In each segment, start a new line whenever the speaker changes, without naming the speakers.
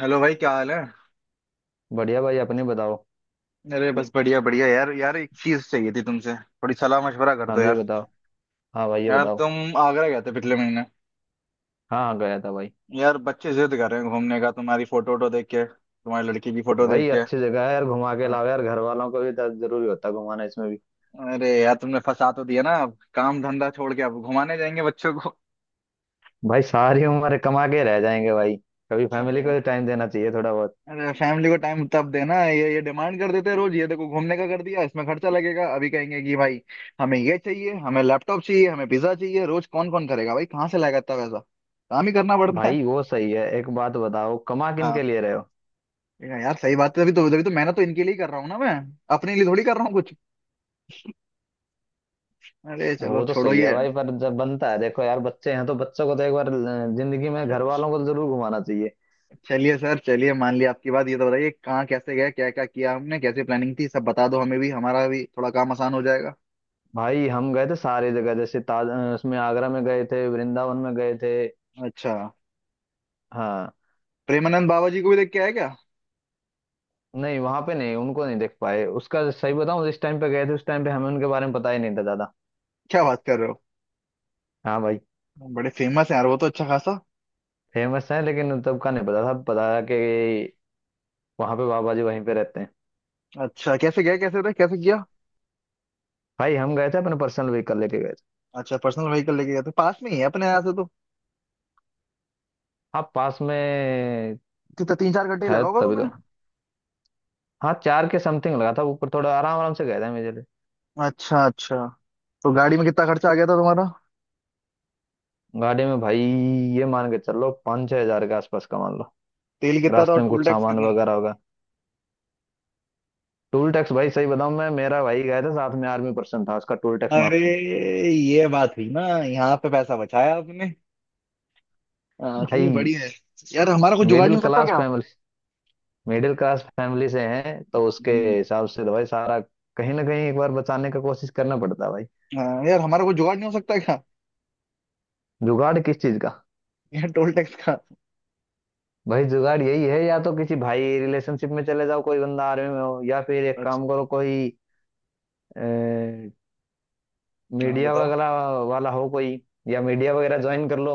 Hello भाई, क्या हाल है?
बढ़िया भाई, अपने बताओ।
अरे बस बढ़िया बढ़िया, यार यार एक चीज चाहिए थी तुमसे, थोड़ी सलाह मशवरा कर
हाँ
दो
जी,
यार।
बताओ। हाँ भाई, ये
यार
बताओ।
तुम आगरा गए थे पिछले महीने।
हाँ हाँ, गया था भाई।
यार बच्चे जिद कर रहे हैं घूमने का, तुम्हारी फोटो वोटो देख के, तुम्हारी लड़की की फोटो देख
भाई,
के।
अच्छी जगह है यार, घुमा के
हाँ।
लाओ यार। घर वालों को भी दर्द जरूरी होता है घुमाना इसमें भी।
अरे यार तुमने फंसा तो दिया ना, अब काम धंधा छोड़ के अब घुमाने जाएंगे बच्चों को।
भाई सारी उम्र कमा के रह जाएंगे भाई। कभी फैमिली को
अरे
भी टाइम देना चाहिए थोड़ा बहुत।
अरे फैमिली को टाइम तब देना, ये डिमांड कर देते हैं रोज। ये देखो घूमने का कर दिया, इसमें खर्चा लगेगा। अभी कहेंगे कि भाई हमें ये चाहिए, हमें लैपटॉप चाहिए, हमें पिज्जा चाहिए रोज। कौन कौन करेगा भाई, कहाँ से लाएगा इतना पैसा? काम ही करना पड़ता है।
भाई, वो सही है। एक बात बताओ, कमा किन
हाँ,
के लिए रहे हो।
ये यार सही बात है, तभी तो मेहनत तो इनके लिए ही कर रहा हूँ ना मैं। अपने लिए थोड़ी कर रहा हूँ कुछ। अरे चलो
वो तो
छोड़ो
सही है
ये।
भाई, पर जब बनता है देखो यार, बच्चे हैं तो बच्चों को तो एक बार जिंदगी में घर
अच्छा,
वालों को तो जरूर घुमाना चाहिए।
चलिए सर, चलिए मान लिया आपकी बात। ये तो बताइए कहाँ कैसे गए, क्या क्या किया हमने, कैसे प्लानिंग थी, सब बता दो। हमें भी हमारा भी थोड़ा काम आसान हो जाएगा।
भाई हम गए थे सारी जगह, जैसे उसमें आगरा में गए थे, वृंदावन में गए थे।
अच्छा,
हाँ।
प्रेमानंद बाबा जी को भी देख के आए क्या?
नहीं, वहां पे नहीं, उनको नहीं देख पाए। उसका सही बताऊं, जिस टाइम पे गए थे उस टाइम पे हमें उनके बारे में पता ही नहीं था ज्यादा।
क्या बात कर रहे हो?
हाँ भाई।
बड़े फेमस हैं यार वो तो, अच्छा खासा।
फेमस है लेकिन तब का नहीं पता था, पता था कि वहां पे बाबा जी वहीं पे रहते हैं।
अच्छा, कैसे गए, कैसे रहे, कैसे किया?
भाई हम गए थे अपने पर्सनल व्हीकल लेके गए थे।
अच्छा, पर्सनल व्हीकल लेके गए थे? पास में ही है अपने यहाँ से तो।
हाँ पास में
कितना, 3 4 घंटे ही
है,
लगा होगा
तभी
तुम्हें?
तो। हाँ चार के समथिंग लगा था ऊपर, थोड़ा आराम आराम से गए थे मेरे लिए।
अच्छा अच्छा। तो गाड़ी में कितना खर्चा आ गया था तुम्हारा?
गाड़ी में भाई, ये मान के चलो पाँच छह हजार के आसपास का मान लो।
तेल कितना था और
रास्ते में
टोल
कुछ
टैक्स
सामान
कितना था?
वगैरह होगा। टोल टैक्स भाई सही बताऊं, मैं मेरा भाई गया था साथ में, आर्मी पर्सन था, उसका टोल टैक्स
अरे,
माफ था।
ये बात हुई ना, यहाँ पे पैसा बचाया आपने। हाँ, चलो
भाई,
बढ़िया है। यार हमारा कुछ जुगाड़
मिडिल
नहीं हो सकता
क्लास
क्या?
फैमिली मिडिल क्लास फैमिली से हैं तो उसके
हम्म,
हिसाब से तो भाई सारा कहीं ना कहीं एक बार बचाने का कोशिश करना पड़ता है भाई।
हाँ, यार हमारा कुछ जुगाड़ नहीं हो सकता क्या?
जुगाड़ किस चीज का।
यार टोल टैक्स का।
भाई जुगाड़ यही है, या तो किसी भाई रिलेशनशिप में चले जाओ, कोई बंदा आर्मी में हो, या फिर एक
अच्छा।
काम करो, कोई
हाँ
मीडिया
बताओ।
वगैरह वाला हो कोई, या मीडिया वगैरह ज्वाइन कर लो।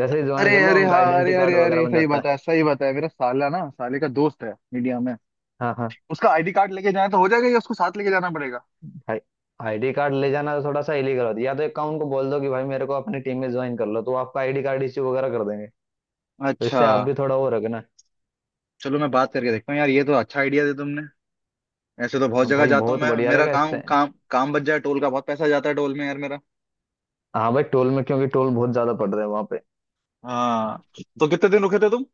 जैसे ही
अरे
ज्वाइन कर लो
अरे
उनका
हाँ, अरे
आइडेंटिटी कार्ड
अरे
वगैरह
अरे
बन
सही
जाता है।
बात है, सही बात है। मेरा साला ना, साले का दोस्त है मीडिया में।
हाँ हाँ।
उसका आईडी कार्ड लेके जाए तो हो जाएगा या उसको साथ लेके जाना पड़ेगा?
भाई आईडी कार्ड ले जाना तो थोड़ा सा इलीगल होता है, या तो एक काम, उनको बोल दो कि भाई मेरे को अपनी टीम में ज्वाइन कर लो, तो वो आपका आईडी कार्ड इश्यू वगैरह कर देंगे, तो
अच्छा।
इससे आप भी थोड़ा वो रखना।
चलो मैं बात करके देखता हूँ, यार ये तो अच्छा आइडिया दे तुमने। ऐसे तो बहुत
हाँ
जगह
भाई,
जाता हूँ
बहुत
मैं,
बढ़िया
मेरा
रहेगा इससे।
काम, काम काम बच जाए, टोल का बहुत पैसा जाता है टोल में यार मेरा।
हाँ भाई, टोल में क्योंकि टोल बहुत ज्यादा पड़ रहे हैं वहां पे।
हाँ। तो कितने दिन रुके थे तुम?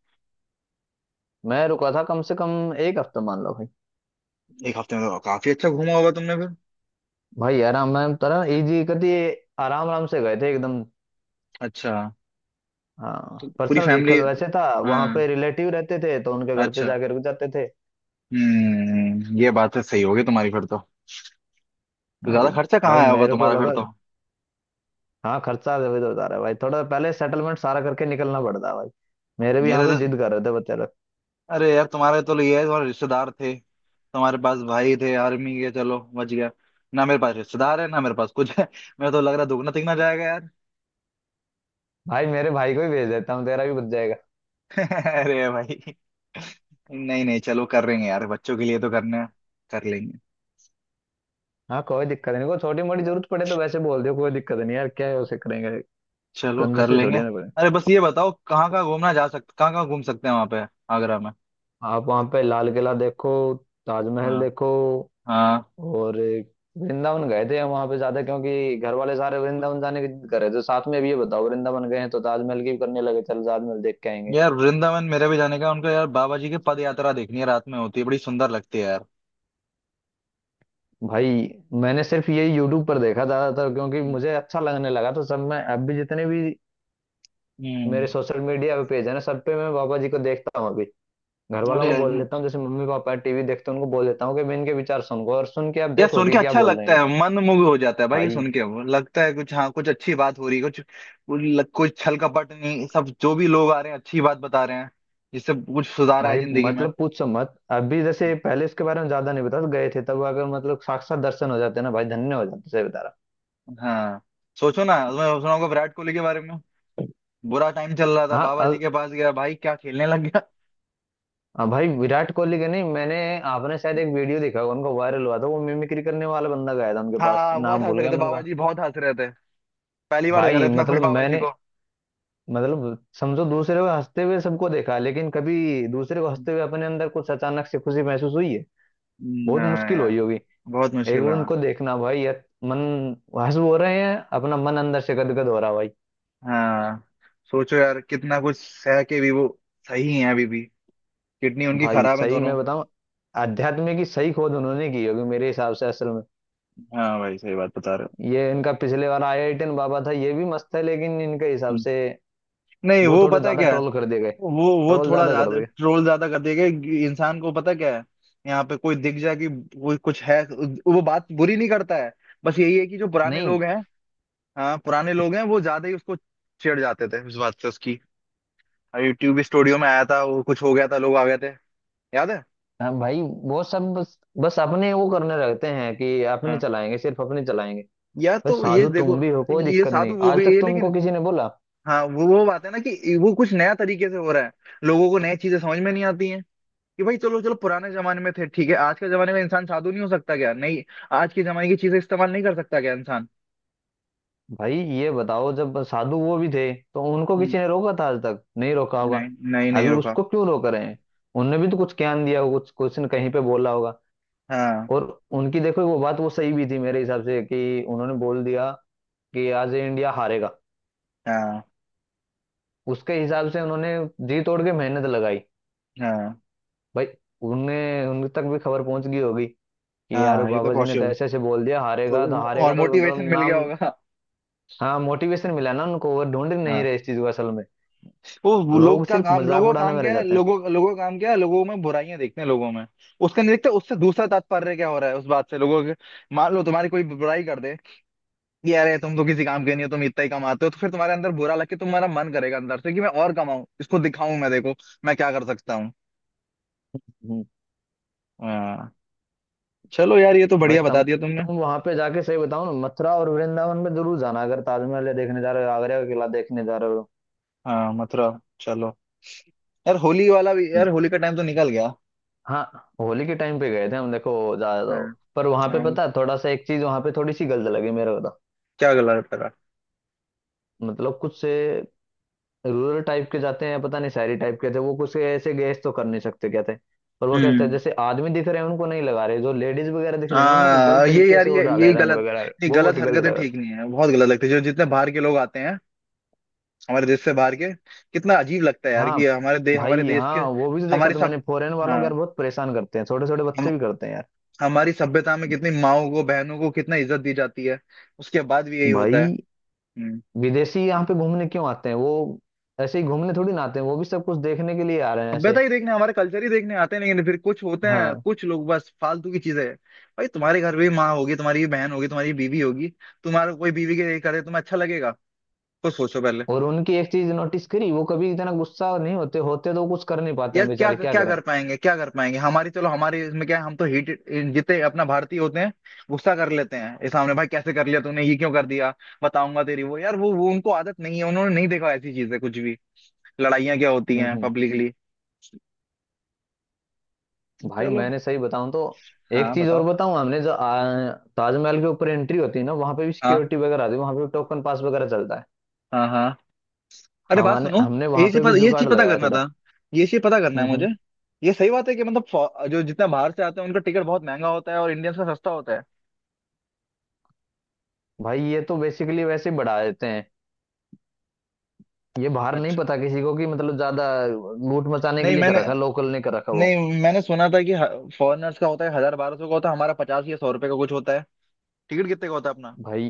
मैं रुका था कम से कम एक हफ्ता मान लो भाई।
एक हफ्ते में तो काफी अच्छा घूमा होगा तुमने फिर।
भाई आराम आराम तरह इजी कर दिए, आराम आराम से गए थे एकदम।
अच्छा। तो
हाँ
पूरी
पर्सनल
फैमिली।
व्हीकल वैसे था। वहां पे
हाँ।
रिलेटिव रहते थे तो उनके घर पे
अच्छा।
जाके रुक जाते थे।
हम्म, ये बात है, सही होगी तुम्हारी फिर तो। तो
हाँ
ज्यादा
भाई।
खर्चा कहाँ
भाई
आया होगा
मेरे को
तुम्हारा फिर
लगा,
तो?
हाँ खर्चा इधर उधर होता रहा है भाई, थोड़ा पहले सेटलमेंट सारा करके निकलना पड़ता है भाई। मेरे भी यहाँ
मेरे
पे
तो,
जिद कर रहे थे बच्चे लोग।
अरे यार तुम्हारे तो ये है, तुम्हारे रिश्तेदार थे, तुम्हारे पास भाई थे आर्मी के, चलो बच गया। ना मेरे पास रिश्तेदार है, ना मेरे पास कुछ है। मैं तो लग रहा दुगना तिगना जाएगा यार।
भाई मेरे भाई को ही भेज देता हूँ, तेरा भी बच जाएगा।
अरे भाई, नहीं नहीं, चलो कर लेंगे यार, बच्चों के लिए तो करना है। कर लेंगे।
हाँ कोई दिक्कत नहीं, कोई छोटी मोटी जरूरत पड़े तो वैसे बोल दियो, कोई दिक्कत नहीं यार, क्या है उसे करेंगे।
चलो कर
कंजूसी
लेंगे।
थोड़ी ना पड़े।
अरे बस ये बताओ, कहाँ कहाँ घूमना जा सकते, कहाँ कहाँ घूम सकते हैं वहां पे, आगरा में?
आप वहाँ पे लाल किला देखो, ताजमहल
हाँ
देखो,
हाँ।
और वृंदावन गए थे हम वहाँ पे ज्यादा क्योंकि घर वाले सारे वृंदावन जाने की जिद कर रहे थे साथ में। अब ये बताओ, वृंदावन गए हैं तो ताजमहल की भी करने लगे, चल ताजमहल देख के आएंगे।
यार वृंदावन मेरे भी जाने का उनका, यार बाबा जी की पद यात्रा देखनी है, रात में होती है, बड़ी सुंदर लगती है यार।
भाई मैंने सिर्फ ये यूट्यूब पर देखा ज्यादातर, क्योंकि मुझे अच्छा लगने लगा तो सब मैं अब भी जितने भी
हम्म।
मेरे सोशल मीडिया पे पेज है ना, सब पे मैं बाबा जी को देखता हूँ अभी। घर वालों
अरे
को बोल देता हूँ, जैसे मम्मी पापा टीवी देखते हैं, उनको बोल देता हूँ कि मैं इनके विचार सुनूंगा, और सुन के आप
यार
देखो
सुन के
कि क्या
अच्छा
बोल रहे
लगता
हैं ये।
है, मन मुग्ध हो जाता है भाई ये
भाई,
सुन के, वो लगता है कुछ, हाँ, कुछ अच्छी बात हो रही है, कुछ कुछ कुछ छल कपट नहीं। सब जो भी लोग आ रहे हैं अच्छी बात बता रहे हैं, जिससे कुछ सुधार आए
भाई
जिंदगी में।
मतलब पूछो मत। अभी जैसे पहले इसके बारे में ज्यादा नहीं बता गए थे, तब अगर मतलब साक्षात दर्शन हो जाते ना भाई, धन्य हो जाते, सही बता रहा।
हाँ, सोचो ना, मैं सुना होगा विराट कोहली के बारे में, बुरा टाइम चल रहा था,
हाँ
बाबा जी
अब।
के पास गया भाई, क्या खेलने लग गया।
हाँ भाई विराट कोहली के नहीं, मैंने आपने शायद एक वीडियो देखा होगा उनका, वायरल हुआ था वो, मिमिक्री करने वाला बंदा गया था उनके पास,
हाँ बहुत
नाम
हंस
भूल
रहे
गया
थे
मैंने,
बाबा
कहा
जी, बहुत हंस रहे थे। पहली बार देखा था
भाई
इतना खुश
मतलब
बाबा जी
मैंने,
को।
मतलब समझो, दूसरे को हंसते हुए सबको देखा, लेकिन कभी दूसरे को हंसते हुए अपने अंदर कुछ अचानक से खुशी महसूस हुई है। बहुत
हाँ
मुश्किल
यार।
हुई होगी।
बहुत
एक
मुश्किल
बार
है।
उनको देखना भाई, मन हंस हो रहे हैं, अपना मन अंदर से गदगद हो रहा भाई।
हाँ, सोचो यार कितना कुछ सह के भी वो सही है अभी भी। किडनी उनकी
भाई
खराब है
सही
दोनों।
मैं बताऊं, अध्यात्म की सही खोज उन्होंने की होगी मेरे हिसाब से असल में।
हाँ भाई, सही बात बता रहे हो।
ये इनका पिछले बार आईआईटियन बाबा था, ये भी मस्त है लेकिन इनके हिसाब
हम्म।
से
नहीं,
वो
वो
थोड़े
पता है
ज्यादा
क्या है,
ट्रोल कर दिए गए।
वो
ट्रोल
थोड़ा
ज्यादा कर
ज्यादा
दिए।
ट्रोल ज्यादा कर देगा। इंसान को पता क्या है, यहाँ पे कोई दिख जाए कि कोई कुछ है, वो बात बुरी नहीं करता है। बस यही है कि जो पुराने
नहीं।
लोग हैं, हाँ पुराने लोग हैं, वो ज्यादा ही उसको छेड़ जाते थे इस बात से उसकी। यूट्यूब स्टूडियो में आया था वो, कुछ हो गया था, लोग आ गए थे, याद है?
हाँ भाई, वो सब बस बस अपने वो करने रहते हैं कि अपने
हाँ,
चलाएंगे, सिर्फ अपने चलाएंगे।
या
भाई
तो ये
साधु
देखो,
तुम भी हो, कोई
ये
दिक्कत
साधु
नहीं,
वो
आज
भी
तक
है
तुमको
लेकिन,
किसी ने बोला।
हाँ वो बात है ना कि वो कुछ नया तरीके से हो रहा है, लोगों को नई चीजें समझ में नहीं आती हैं कि भाई। चलो चलो, पुराने जमाने में थे ठीक है, आज के जमाने में इंसान साधु नहीं हो सकता क्या? नहीं, आज के जमाने की चीजें इस्तेमाल नहीं कर सकता क्या इंसान?
भाई ये बताओ, जब साधु वो भी थे तो उनको
हम्म।
किसी ने रोका था, आज तक नहीं रोका होगा।
नहीं नहीं नहीं
अभी
रुका।
उसको क्यों रोक रहे हैं। उनने भी तो कुछ ज्ञान दिया होगा, कुछ क्वेश्चन कहीं पे बोला होगा,
हाँ
और उनकी देखो वो बात वो सही भी थी मेरे हिसाब से कि उन्होंने बोल दिया कि आज ये इंडिया हारेगा।
हाँ
उसके हिसाब से उन्होंने जी तोड़ के मेहनत लगाई
हाँ
भाई। उन्हें उन तक भी खबर पहुंच गई होगी कि यार
हाँ, ये तो
बाबा जी ने तो
पॉसिबल,
ऐसे ऐसे बोल दिया, हारेगा तो
तो और
हारेगा, तो
मोटिवेशन
मतलब
मिल गया
नाम।
होगा।
हाँ मोटिवेशन मिला ना उनको, वो ढूंढ नहीं रहे इस चीज को असल में।
वो लोग
लोग
का
सिर्फ
काम,
मजाक
लोगों का
उड़ाने
काम
में रह
क्या है,
जाते हैं।
लोगों लोगों का काम क्या है, लोगों में बुराइयां देखते हैं लोगों में, उसका नहीं देखते उससे दूसरा तात्पर्य क्या हो रहा है उस बात से लोगों के। मान लो तुम्हारी कोई बुराई कर दे कि अरे तुम तो किसी काम के नहीं हो, तुम इतना ही कमाते हो, तो फिर तुम्हारे अंदर बुरा लग के तुम्हारा मन करेगा अंदर से कि मैं और कमाऊं, इसको दिखाऊं, मैं देखो मैं क्या कर सकता हूँ।
हम्म।
हाँ, चलो यार ये तो
भाई
बढ़िया
तुम
बता दिया तुमने।
तुम वहां पे जाके सही बताओ ना, मथुरा और वृंदावन में जरूर जाना, अगर ताजमहल देखने जा रहे हो, आगरा का किला देखने जा रहे हो।
हाँ मथुरा, चलो, यार होली वाला भी, यार होली का टाइम तो निकल गया।
हाँ होली के टाइम पे गए थे हम, देखो ज्यादा
हाँ।
तो। पर वहां पे
हाँ,
पता है थोड़ा सा, एक चीज वहां पे थोड़ी सी गलत लगी मेरे को तो।
क्या गला है तेरा?
मतलब कुछ से रूरल टाइप के जाते हैं, पता नहीं शहरी टाइप के थे, वो कुछ से ऐसे गैस तो कर नहीं सकते क्या थे, पर वो कहते हैं
हम्म।
जैसे आदमी दिख रहे हैं उनको नहीं लगा रहे, जो लेडीज वगैरह दिख रही है ना उनको गलत
हाँ, ये
तरीके
यार
से वो
ये
डाले रंग
गलत,
वगैरह,
नहीं,
वो
गलत
बहुत गलत
हरकतें
लगा।
ठीक नहीं है, बहुत गलत लगती है, जो जितने बाहर के लोग आते हैं हमारे देश से बाहर के, कितना अजीब लगता है यार
हाँ
कि हमारे
भाई,
देश के,
हाँ वो भी तो देखा
हमारे
तो
सब,
मैंने फॉरेन वालों को, यार
हाँ,
बहुत परेशान करते हैं, छोटे छोटे
हम
बच्चे भी करते हैं यार।
हमारी सभ्यता में कितनी माओ को, बहनों को कितना इज्जत दी जाती है, उसके बाद भी यही होता है।
भाई
हम्म।
विदेशी यहाँ पे घूमने क्यों आते हैं, वो ऐसे ही घूमने थोड़ी ना आते हैं, वो भी सब कुछ देखने के लिए आ रहे हैं
सभ्यता
ऐसे।
ही देखने, हमारे कल्चर ही देखने आते हैं, लेकिन फिर कुछ होते हैं
हाँ।
कुछ लोग बस फालतू की चीजें। भाई तुम्हारे घर में भी माँ होगी, तुम्हारी भी बहन होगी, तुम्हारी भी बीवी होगी। तुम्हारा कोई बीवी के करे तुम्हें अच्छा लगेगा? तो सोचो पहले।
और उनकी एक चीज नोटिस करी, वो कभी इतना गुस्सा नहीं होते, होते तो वो कुछ कर नहीं पाते
यार
हैं
क्या
बेचारे, क्या
क्या
करें।
कर पाएंगे, क्या कर पाएंगे हमारी, चलो हमारी इसमें क्या है, हम तो हीट, जितने अपना भारतीय होते हैं गुस्सा कर लेते हैं, ये सामने भाई कैसे कर लिया तूने, ये क्यों कर दिया, बताऊंगा तेरी वो, यार वो उनको आदत नहीं है, उन्होंने नहीं देखा ऐसी चीजें कुछ भी, लड़ाइयाँ क्या होती
हम्म
हैं
हम्म।
पब्लिकली।
भाई
चलो।
मैंने सही बताऊं तो एक
हाँ
चीज और
बताओ।
बताऊं, हमने जो ताजमहल के ऊपर एंट्री होती है ना, वहां पे भी
हाँ
सिक्योरिटी वगैरह आती है, वहां पे भी टोकन पास वगैरह चलता है।
हाँ हाँ, अरे बात
हमारे
सुनो,
हमने वहां
ये चीज
पे भी
पता, ये
जुगाड़
चीज पता
लगाया
करना
थोड़ा।
था, ये चीज पता करना है
हम्म
मुझे।
हम्म।
ये सही बात है कि मतलब जो जितना बाहर से आते हैं उनका टिकट बहुत महंगा होता है और इंडियंस का सस्ता होता है।
भाई ये तो बेसिकली वैसे ही बढ़ा देते हैं, ये बाहर नहीं
अच्छा,
पता किसी को कि मतलब ज्यादा लूट मचाने के
नहीं
लिए कर
मैंने,
रखा, लोकल ने कर रखा वो।
नहीं मैंने सुना था कि फॉरेनर्स का होता है 1,000 1,200 का होता है, हमारा 50 या 100 रुपए का कुछ होता है। टिकट कितने का होता है अपना?
भाई,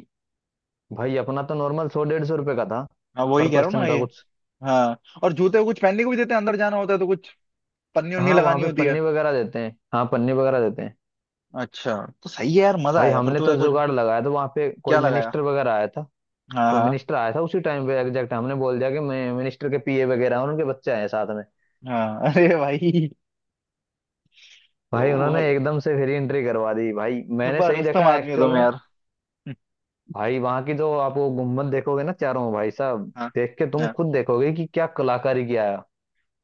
भाई अपना तो नॉर्मल सौ डेढ़ सौ रुपए का था
हाँ
पर
वही कह रहा हूँ ना
पर्सन का
ये।
कुछ।
हाँ, और जूते कुछ पहनने को भी देते हैं, अंदर जाना होता है तो कुछ पन्नी उन्नी
हाँ वहाँ
लगानी
पे
होती है।
पन्नी वगैरह देते हैं, हाँ पन्नी वगैरह देते हैं।
अच्छा। तो सही है यार, मजा
भाई
आएगा फिर
हमने
तो
तो
यार कुछ।
जुगाड़ लगाया था, वहाँ पे कोई
क्या लगाया?
मिनिस्टर वगैरह आया था,
हाँ
कोई
हाँ।
मिनिस्टर आया था उसी टाइम पे एग्जैक्ट, हमने बोल दिया कि मैं मिनिस्टर के पीए वगैरह हैं और उनके बच्चे आए हैं साथ में।
हाँ अरे भाई, तो
भाई उन्होंने
भाई
एकदम से फ्री एंट्री करवा दी भाई, मैंने
छुपा
सही
रुस्तम
देखा
आदमी हो
एक्चुअल
तुम
में।
यार।
भाई वहां की तो आप वो गुम्बद देखोगे ना चारों, भाई साहब,
हाँ।
देख के तुम
हाँ
खुद देखोगे कि क्या कलाकारी किया है।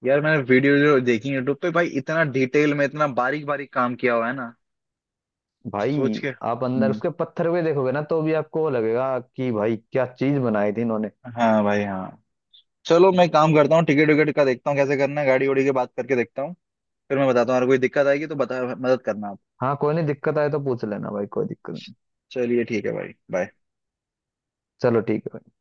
यार मैंने वीडियो जो देखी यूट्यूब पे भाई, इतना डिटेल में, इतना बारीक बारीक काम किया हुआ है ना,
भाई
सोच के,
आप अंदर
हम्म।
उसके पत्थर भी देखोगे ना तो भी आपको वो लगेगा कि भाई क्या चीज बनाई थी इन्होंने।
हाँ भाई हाँ। चलो मैं काम करता हूँ, टिकट विकेट का देखता हूँ, कैसे करना है, गाड़ी उड़ी के बात करके देखता हूँ। फिर मैं बताता हूँ, अगर कोई दिक्कत आएगी तो बता, मदद करना आप।
हाँ कोई नहीं, दिक्कत आए तो पूछ लेना भाई, कोई दिक्कत नहीं।
चलिए ठीक है भाई, बाय।
चलो ठीक है भाई।